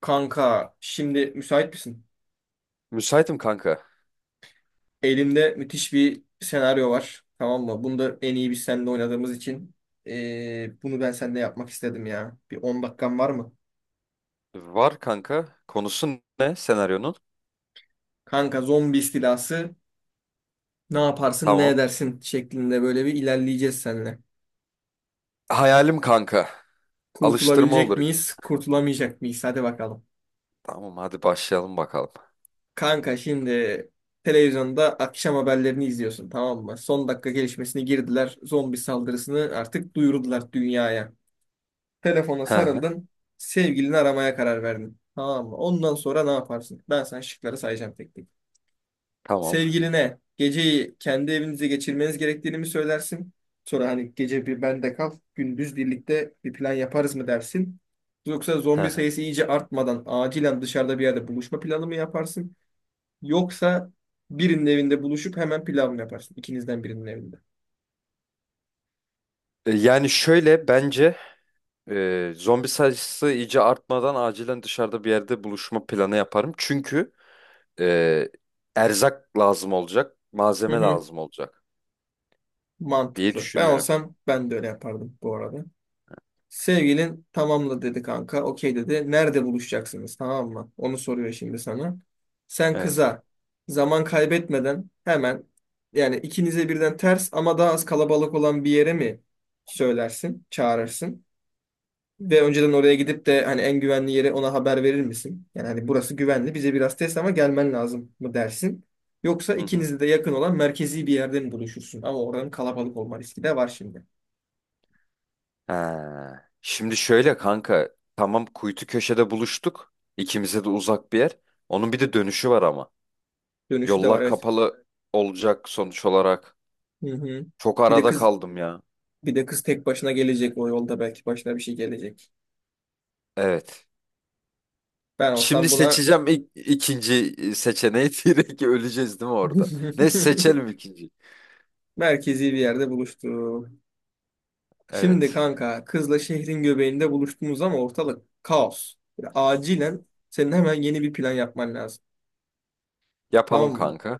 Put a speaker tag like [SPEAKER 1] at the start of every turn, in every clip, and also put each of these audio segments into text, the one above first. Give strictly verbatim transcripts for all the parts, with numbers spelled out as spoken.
[SPEAKER 1] Kanka şimdi müsait misin?
[SPEAKER 2] Müsaitim kanka.
[SPEAKER 1] Elimde müthiş bir senaryo var. Tamam mı? Bunu da en iyi biz seninle oynadığımız için eee, bunu ben seninle yapmak istedim ya. Bir on dakikan var mı?
[SPEAKER 2] Var kanka. Konusu ne senaryonun?
[SPEAKER 1] Kanka zombi istilası ne yaparsın ne
[SPEAKER 2] Tamam.
[SPEAKER 1] edersin şeklinde böyle bir ilerleyeceğiz seninle.
[SPEAKER 2] Hayalim kanka. Alıştırma
[SPEAKER 1] Kurtulabilecek
[SPEAKER 2] olur.
[SPEAKER 1] miyiz? Kurtulamayacak mıyız? Hadi bakalım.
[SPEAKER 2] Tamam hadi başlayalım bakalım.
[SPEAKER 1] Kanka şimdi televizyonda akşam haberlerini izliyorsun tamam mı? Son dakika gelişmesini girdiler. Zombi saldırısını artık duyurdular dünyaya. Telefona
[SPEAKER 2] Hı hı,
[SPEAKER 1] sarıldın. Sevgilini aramaya karar verdin. Tamam mı? Ondan sonra ne yaparsın? Ben sana şıkları sayacağım tek tek.
[SPEAKER 2] Tamam.
[SPEAKER 1] Sevgiline geceyi kendi evinizde geçirmeniz gerektiğini mi söylersin? Sonra hani gece bir bende kal, gündüz birlikte bir plan yaparız mı dersin? Yoksa
[SPEAKER 2] Hı
[SPEAKER 1] zombi
[SPEAKER 2] hı.
[SPEAKER 1] sayısı iyice artmadan acilen dışarıda bir yerde buluşma planı mı yaparsın? Yoksa birinin evinde buluşup hemen plan mı yaparsın? İkinizden birinin evinde.
[SPEAKER 2] E, Yani şöyle bence e, zombi sayısı iyice artmadan acilen dışarıda bir yerde buluşma planı yaparım. Çünkü e, erzak lazım olacak,
[SPEAKER 1] Hı
[SPEAKER 2] malzeme
[SPEAKER 1] hı,
[SPEAKER 2] lazım olacak diye
[SPEAKER 1] mantıklı. Ben
[SPEAKER 2] düşünüyorum.
[SPEAKER 1] olsam ben de öyle yapardım bu arada. Sevgilin tamamla dedi kanka. Okey dedi. Nerede buluşacaksınız tamam mı? Onu soruyor şimdi sana. Sen
[SPEAKER 2] Evet.
[SPEAKER 1] kıza zaman kaybetmeden hemen yani ikinize birden ters ama daha az kalabalık olan bir yere mi söylersin, çağırırsın? Ve önceden oraya gidip de hani en güvenli yere ona haber verir misin? Yani hani burası güvenli bize biraz test ama gelmen lazım mı dersin? Yoksa
[SPEAKER 2] Hı hı.
[SPEAKER 1] ikinize de yakın olan merkezi bir yerde mi buluşursun? Ama oranın kalabalık olma riski de var şimdi.
[SPEAKER 2] Ha. Şimdi şöyle kanka, tamam, kuytu köşede buluştuk. İkimize de uzak bir yer. Onun bir de dönüşü var ama.
[SPEAKER 1] Dönüşü de var
[SPEAKER 2] Yollar
[SPEAKER 1] evet.
[SPEAKER 2] kapalı olacak sonuç olarak.
[SPEAKER 1] Hı hı.
[SPEAKER 2] Çok
[SPEAKER 1] Bir de
[SPEAKER 2] arada
[SPEAKER 1] kız
[SPEAKER 2] kaldım ya.
[SPEAKER 1] Bir de kız tek başına gelecek o yolda belki başına bir şey gelecek.
[SPEAKER 2] Evet.
[SPEAKER 1] Ben
[SPEAKER 2] Şimdi
[SPEAKER 1] olsam buna
[SPEAKER 2] seçeceğim ilk, ikinci seçeneği direkt öleceğiz değil mi orada? Ne seçelim ikinci.
[SPEAKER 1] merkezi bir yerde buluştum. Şimdi
[SPEAKER 2] Evet.
[SPEAKER 1] kanka kızla şehrin göbeğinde buluştunuz ama ortalık kaos. Yani acilen senin hemen yeni bir plan yapman lazım.
[SPEAKER 2] Yapalım
[SPEAKER 1] Tamam mı?
[SPEAKER 2] kanka.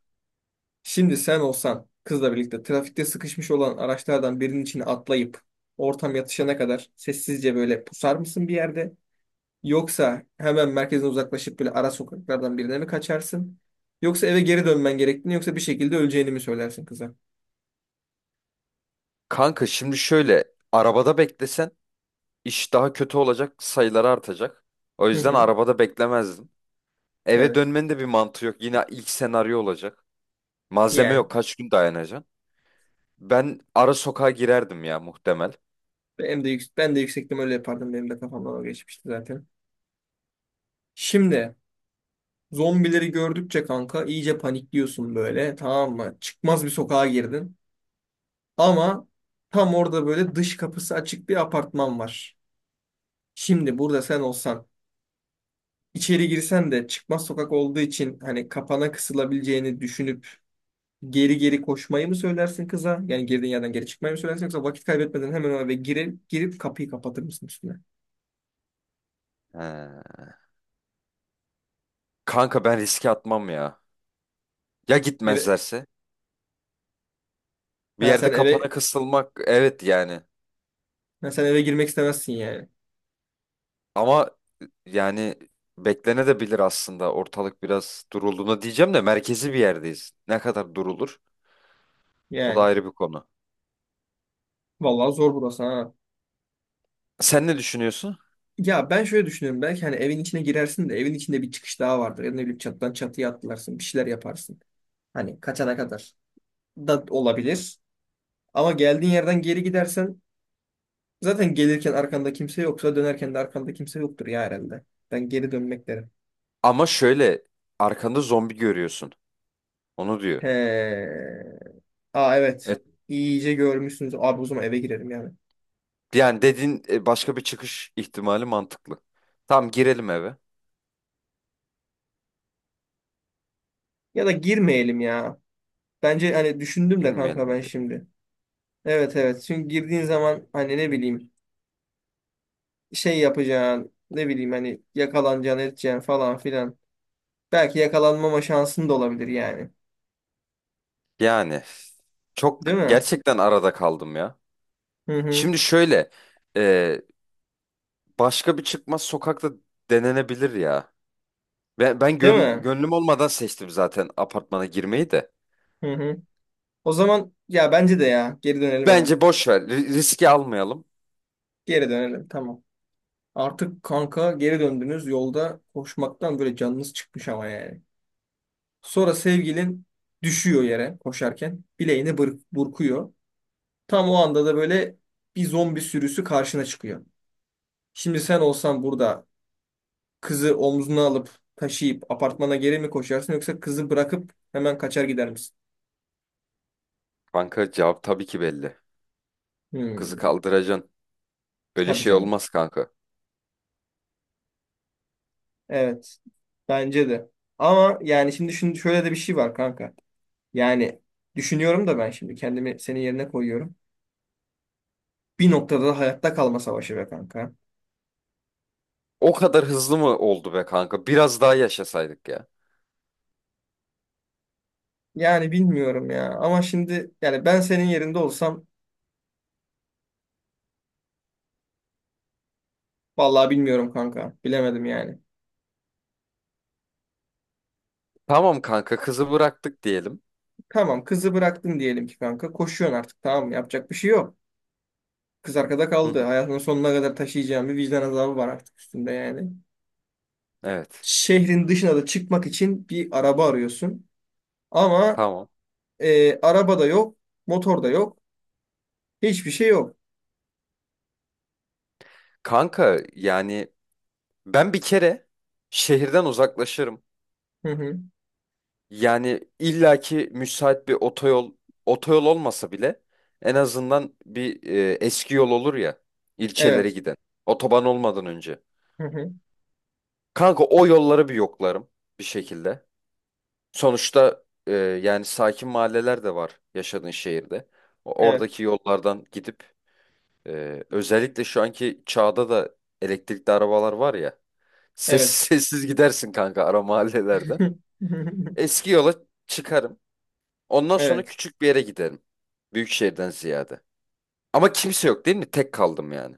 [SPEAKER 1] Şimdi sen olsan kızla birlikte trafikte sıkışmış olan araçlardan birinin içine atlayıp ortam yatışana kadar sessizce böyle pusar mısın bir yerde? Yoksa hemen merkezden uzaklaşıp böyle ara sokaklardan birine mi kaçarsın? Yoksa eve geri dönmen gerektiğini yoksa bir şekilde öleceğini mi söylersin kıza?
[SPEAKER 2] Kanka şimdi şöyle, arabada beklesen iş daha kötü olacak, sayıları artacak. O
[SPEAKER 1] Hı
[SPEAKER 2] yüzden
[SPEAKER 1] hı.
[SPEAKER 2] arabada beklemezdim. Eve
[SPEAKER 1] Evet.
[SPEAKER 2] dönmenin de bir mantığı yok. Yine ilk senaryo olacak. Malzeme
[SPEAKER 1] Yani
[SPEAKER 2] yok. Kaç gün dayanacaksın? Ben ara sokağa girerdim ya muhtemel.
[SPEAKER 1] ben de yüksek, ben de yüksektim öyle yapardım. Benim de kafamdan o geçmişti zaten. Şimdi zombileri gördükçe kanka iyice panikliyorsun böyle tamam mı? Çıkmaz bir sokağa girdin. Ama tam orada böyle dış kapısı açık bir apartman var. Şimdi burada sen olsan içeri girsen de çıkmaz sokak olduğu için hani kapana kısılabileceğini düşünüp geri geri koşmayı mı söylersin kıza? Yani girdiğin yerden geri çıkmayı mı söylersin yoksa vakit kaybetmeden hemen eve girip girip kapıyı kapatır mısın üstüne?
[SPEAKER 2] He. Kanka ben riske atmam ya. Ya
[SPEAKER 1] Eve
[SPEAKER 2] gitmezlerse? Bir
[SPEAKER 1] ha
[SPEAKER 2] yerde
[SPEAKER 1] sen
[SPEAKER 2] kapana
[SPEAKER 1] eve
[SPEAKER 2] kısılmak, evet yani.
[SPEAKER 1] ha, sen eve girmek istemezsin yani.
[SPEAKER 2] Ama yani beklene de bilir aslında, ortalık biraz durulduğuna diyeceğim de merkezi bir yerdeyiz. Ne kadar durulur? O da
[SPEAKER 1] Yani
[SPEAKER 2] ayrı bir konu.
[SPEAKER 1] vallahi zor burası ha.
[SPEAKER 2] Sen ne düşünüyorsun?
[SPEAKER 1] Ya ben şöyle düşünüyorum belki hani evin içine girersin de evin içinde bir çıkış daha vardır. Ya da ne bileyim çatıdan çatıya atlarsın bir şeyler yaparsın. Hani kaçana kadar da olabilir. Ama geldiğin yerden geri gidersen zaten gelirken arkanda kimse yoksa dönerken de arkanda kimse yoktur ya herhalde. Ben geri dönmek derim.
[SPEAKER 2] Ama şöyle, arkanda zombi görüyorsun. Onu diyor.
[SPEAKER 1] He. Aa evet.
[SPEAKER 2] E
[SPEAKER 1] İyice görmüşsünüz. Abi o zaman eve girelim yani.
[SPEAKER 2] Yani dediğin, e, başka bir çıkış ihtimali mantıklı. Tamam girelim eve.
[SPEAKER 1] Ya da girmeyelim ya. Bence hani düşündüm de
[SPEAKER 2] Girmeyelim
[SPEAKER 1] kanka
[SPEAKER 2] mi
[SPEAKER 1] ben
[SPEAKER 2] diyor.
[SPEAKER 1] şimdi. Evet, evet. Çünkü girdiğin zaman hani ne bileyim şey yapacaksın. Ne bileyim hani yakalanacaksın edeceksin falan filan. Belki yakalanmama şansın da olabilir yani.
[SPEAKER 2] Yani çok
[SPEAKER 1] Değil mi?
[SPEAKER 2] gerçekten arada kaldım ya.
[SPEAKER 1] Hı hı.
[SPEAKER 2] Şimdi şöyle, e, başka bir çıkmaz sokakta denenebilir ya. Ben, ben
[SPEAKER 1] Değil
[SPEAKER 2] gön-
[SPEAKER 1] mi?
[SPEAKER 2] gönlüm olmadan seçtim zaten apartmana girmeyi de.
[SPEAKER 1] Hı hı. O zaman ya bence de ya. Geri dönelim hemen.
[SPEAKER 2] Bence boş ver, ri- riski almayalım.
[SPEAKER 1] Geri dönelim. Tamam. Artık kanka geri döndünüz. Yolda koşmaktan böyle canınız çıkmış ama yani. Sonra sevgilin düşüyor yere koşarken. Bileğini bır- burkuyor. Tam o anda da böyle bir zombi sürüsü karşına çıkıyor. Şimdi sen olsan burada kızı omzuna alıp taşıyıp apartmana geri mi koşarsın yoksa kızı bırakıp hemen kaçar gider misin?
[SPEAKER 2] Kanka cevap tabii ki belli. Kızı
[SPEAKER 1] Hmm,
[SPEAKER 2] kaldıracaksın. Öyle
[SPEAKER 1] tabii
[SPEAKER 2] şey
[SPEAKER 1] canım.
[SPEAKER 2] olmaz kanka.
[SPEAKER 1] Evet. Bence de. Ama yani şimdi şun- şöyle de bir şey var kanka. Yani düşünüyorum da ben şimdi kendimi senin yerine koyuyorum. Bir noktada da hayatta kalma savaşı be kanka.
[SPEAKER 2] O kadar hızlı mı oldu be kanka? Biraz daha yaşasaydık ya.
[SPEAKER 1] Yani bilmiyorum ya. Ama şimdi yani ben senin yerinde olsam vallahi bilmiyorum kanka. Bilemedim yani.
[SPEAKER 2] Tamam kanka, kızı bıraktık diyelim.
[SPEAKER 1] Tamam kızı bıraktın diyelim ki kanka. Koşuyorsun artık tamam mı? Yapacak bir şey yok. Kız arkada
[SPEAKER 2] Hı
[SPEAKER 1] kaldı.
[SPEAKER 2] hı.
[SPEAKER 1] Hayatının sonuna kadar taşıyacağın bir vicdan azabı var artık üstünde yani.
[SPEAKER 2] Evet.
[SPEAKER 1] Şehrin dışına da çıkmak için bir araba arıyorsun. Ama
[SPEAKER 2] Tamam.
[SPEAKER 1] e, araba da yok. Motor da yok. Hiçbir şey yok.
[SPEAKER 2] Kanka yani ben bir kere şehirden uzaklaşırım.
[SPEAKER 1] Hı hı.
[SPEAKER 2] Yani illaki müsait bir otoyol, otoyol olmasa bile en azından bir e, eski yol olur ya, ilçelere
[SPEAKER 1] Evet.
[SPEAKER 2] giden. Otoban olmadan önce.
[SPEAKER 1] Hı hı.
[SPEAKER 2] Kanka o yolları bir yoklarım bir şekilde. Sonuçta e, yani sakin mahalleler de var yaşadığın şehirde. O-
[SPEAKER 1] Evet.
[SPEAKER 2] Oradaki yollardan gidip, e, özellikle şu anki çağda da elektrikli arabalar var ya. Sessiz
[SPEAKER 1] Evet.
[SPEAKER 2] sessiz gidersin kanka ara mahallelerden. Eski yola çıkarım. Ondan sonra
[SPEAKER 1] Evet.
[SPEAKER 2] küçük bir yere giderim. Büyük şehirden ziyade. Ama kimse yok değil mi? Tek kaldım yani.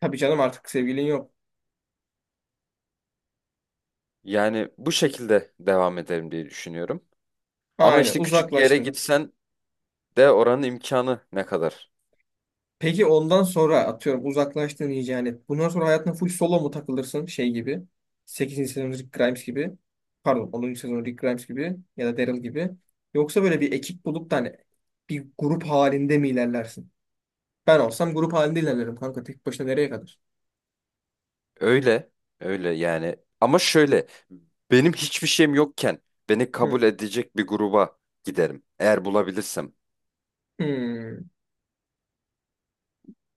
[SPEAKER 1] Tabii canım artık sevgilin yok.
[SPEAKER 2] Yani bu şekilde devam ederim diye düşünüyorum. Ama
[SPEAKER 1] Aynen
[SPEAKER 2] işte küçük yere
[SPEAKER 1] uzaklaştın.
[SPEAKER 2] gitsen de oranın imkanı ne kadar?
[SPEAKER 1] Peki ondan sonra atıyorum uzaklaştığın iyice yani. Bundan sonra hayatına full solo mu takılırsın şey gibi? Sekizinci sezon Rick Grimes gibi. Pardon onuncu sezon Rick Grimes gibi ya da Daryl gibi. Yoksa böyle bir ekip bulup da hani bir grup halinde mi ilerlersin? Ben olsam grup halinde ilerlerim kanka. Tek başına nereye kadar?
[SPEAKER 2] Öyle, öyle yani. Ama şöyle, benim hiçbir şeyim yokken beni
[SPEAKER 1] Hı.
[SPEAKER 2] kabul edecek bir gruba giderim. Eğer bulabilirsem.
[SPEAKER 1] Hmm.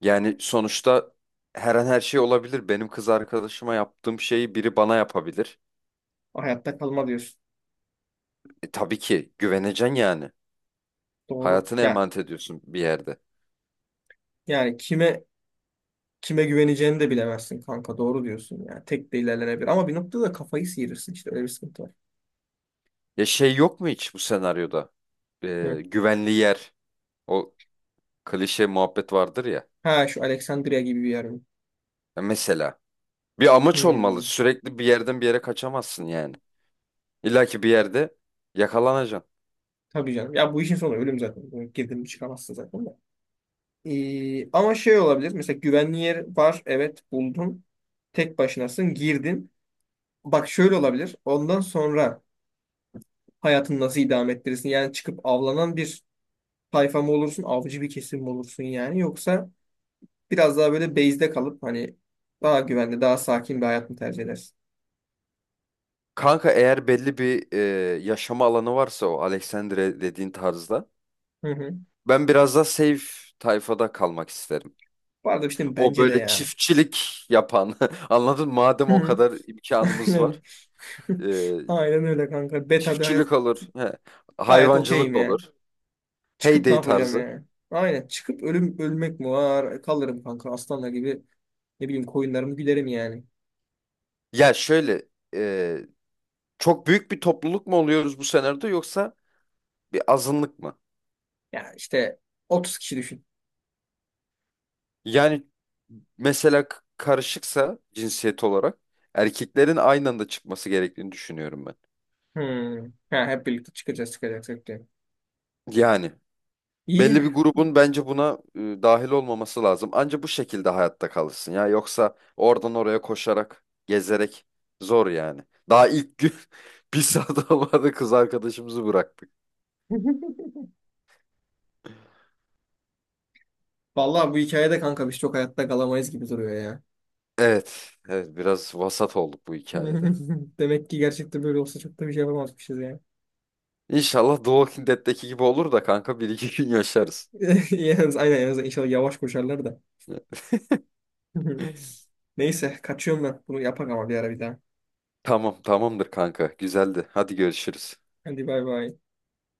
[SPEAKER 2] Yani sonuçta her an her şey olabilir. Benim kız arkadaşıma yaptığım şeyi biri bana yapabilir.
[SPEAKER 1] Hayatta kalma diyorsun.
[SPEAKER 2] E, tabii ki güveneceksin yani.
[SPEAKER 1] Doğru.
[SPEAKER 2] Hayatını
[SPEAKER 1] Ya
[SPEAKER 2] emanet ediyorsun bir yerde.
[SPEAKER 1] yani kime kime güveneceğini de bilemezsin kanka. Doğru diyorsun yani. Tek de ilerlenebilir ama bir noktada da kafayı sıyırırsın işte öyle bir sıkıntı var.
[SPEAKER 2] Ya şey yok mu hiç bu senaryoda?
[SPEAKER 1] Hı.
[SPEAKER 2] E, güvenli yer. O klişe muhabbet vardır ya.
[SPEAKER 1] Ha şu Alexandria gibi bir yer mi?
[SPEAKER 2] Ya mesela bir amaç olmalı.
[SPEAKER 1] Hmm,
[SPEAKER 2] Sürekli bir yerden bir yere kaçamazsın yani. İlla ki bir yerde yakalanacaksın.
[SPEAKER 1] tabii canım. Ya bu işin sonu ölüm zaten. Bunu girdin mi çıkamazsın zaten de. Ee, ama şey olabilir. Mesela güvenli yer var. Evet buldun. Tek başınasın. Girdin. Bak şöyle olabilir. Ondan sonra hayatını nasıl idame ettirirsin? Yani çıkıp avlanan bir tayfa mı olursun? Avcı bir kesim mi olursun yani? Yoksa biraz daha böyle base'de kalıp hani daha güvenli, daha sakin bir hayat mı tercih edersin?
[SPEAKER 2] Kanka eğer belli bir e, yaşama alanı varsa, o Alexandre dediğin tarzda,
[SPEAKER 1] Hı hı.
[SPEAKER 2] ben biraz daha safe tayfada kalmak isterim.
[SPEAKER 1] Bu arada işte
[SPEAKER 2] O
[SPEAKER 1] bence de
[SPEAKER 2] böyle
[SPEAKER 1] ya.
[SPEAKER 2] çiftçilik yapan, anladın mı? Madem
[SPEAKER 1] Hı
[SPEAKER 2] o
[SPEAKER 1] hı.
[SPEAKER 2] kadar imkanımız
[SPEAKER 1] Aynen.
[SPEAKER 2] var, e,
[SPEAKER 1] Aynen öyle kanka. Beta bir hayat
[SPEAKER 2] çiftçilik olur, he,
[SPEAKER 1] gayet
[SPEAKER 2] hayvancılık
[SPEAKER 1] okeyim ya.
[SPEAKER 2] olur,
[SPEAKER 1] Çıkıp ne
[SPEAKER 2] heyday
[SPEAKER 1] yapacağım
[SPEAKER 2] tarzı.
[SPEAKER 1] yani? Aynen. Çıkıp ölüm ölmek mi var? E, Kalırım kanka aslanla gibi. Ne bileyim koyunlarımı gülerim yani.
[SPEAKER 2] Ya şöyle, e, çok büyük bir topluluk mu oluyoruz bu senaryoda, yoksa bir azınlık mı?
[SPEAKER 1] Ya işte otuz kişi düşün.
[SPEAKER 2] Yani mesela k- karışıksa cinsiyet olarak, erkeklerin aynı anda çıkması gerektiğini düşünüyorum ben.
[SPEAKER 1] Hmm. Ha, hep birlikte çıkacağız çıkacağız. çıkacağız.
[SPEAKER 2] Yani.
[SPEAKER 1] İyi.
[SPEAKER 2] Belli bir grubun bence buna e, dahil olmaması lazım. Anca bu şekilde hayatta kalırsın ya. Yoksa oradan oraya koşarak, gezerek zor yani. Daha ilk gün bir saat olmadı kız arkadaşımızı bıraktık.
[SPEAKER 1] Vallahi bu hikayede kanka biz çok hayatta kalamayız gibi duruyor ya.
[SPEAKER 2] Evet, evet biraz vasat olduk bu hikayede.
[SPEAKER 1] Demek ki gerçekten böyle olsa çok da bir şey yapamazmışız ya.
[SPEAKER 2] İnşallah The Walking Dead'deki gibi olur da kanka bir iki gün yaşarız.
[SPEAKER 1] Yalnız aynen yalnız inşallah yavaş koşarlar da. Neyse kaçıyorum ben. Bunu yapak ama bir ara bir daha.
[SPEAKER 2] Tamam, tamamdır kanka. Güzeldi. Hadi görüşürüz.
[SPEAKER 1] Hadi bay bay.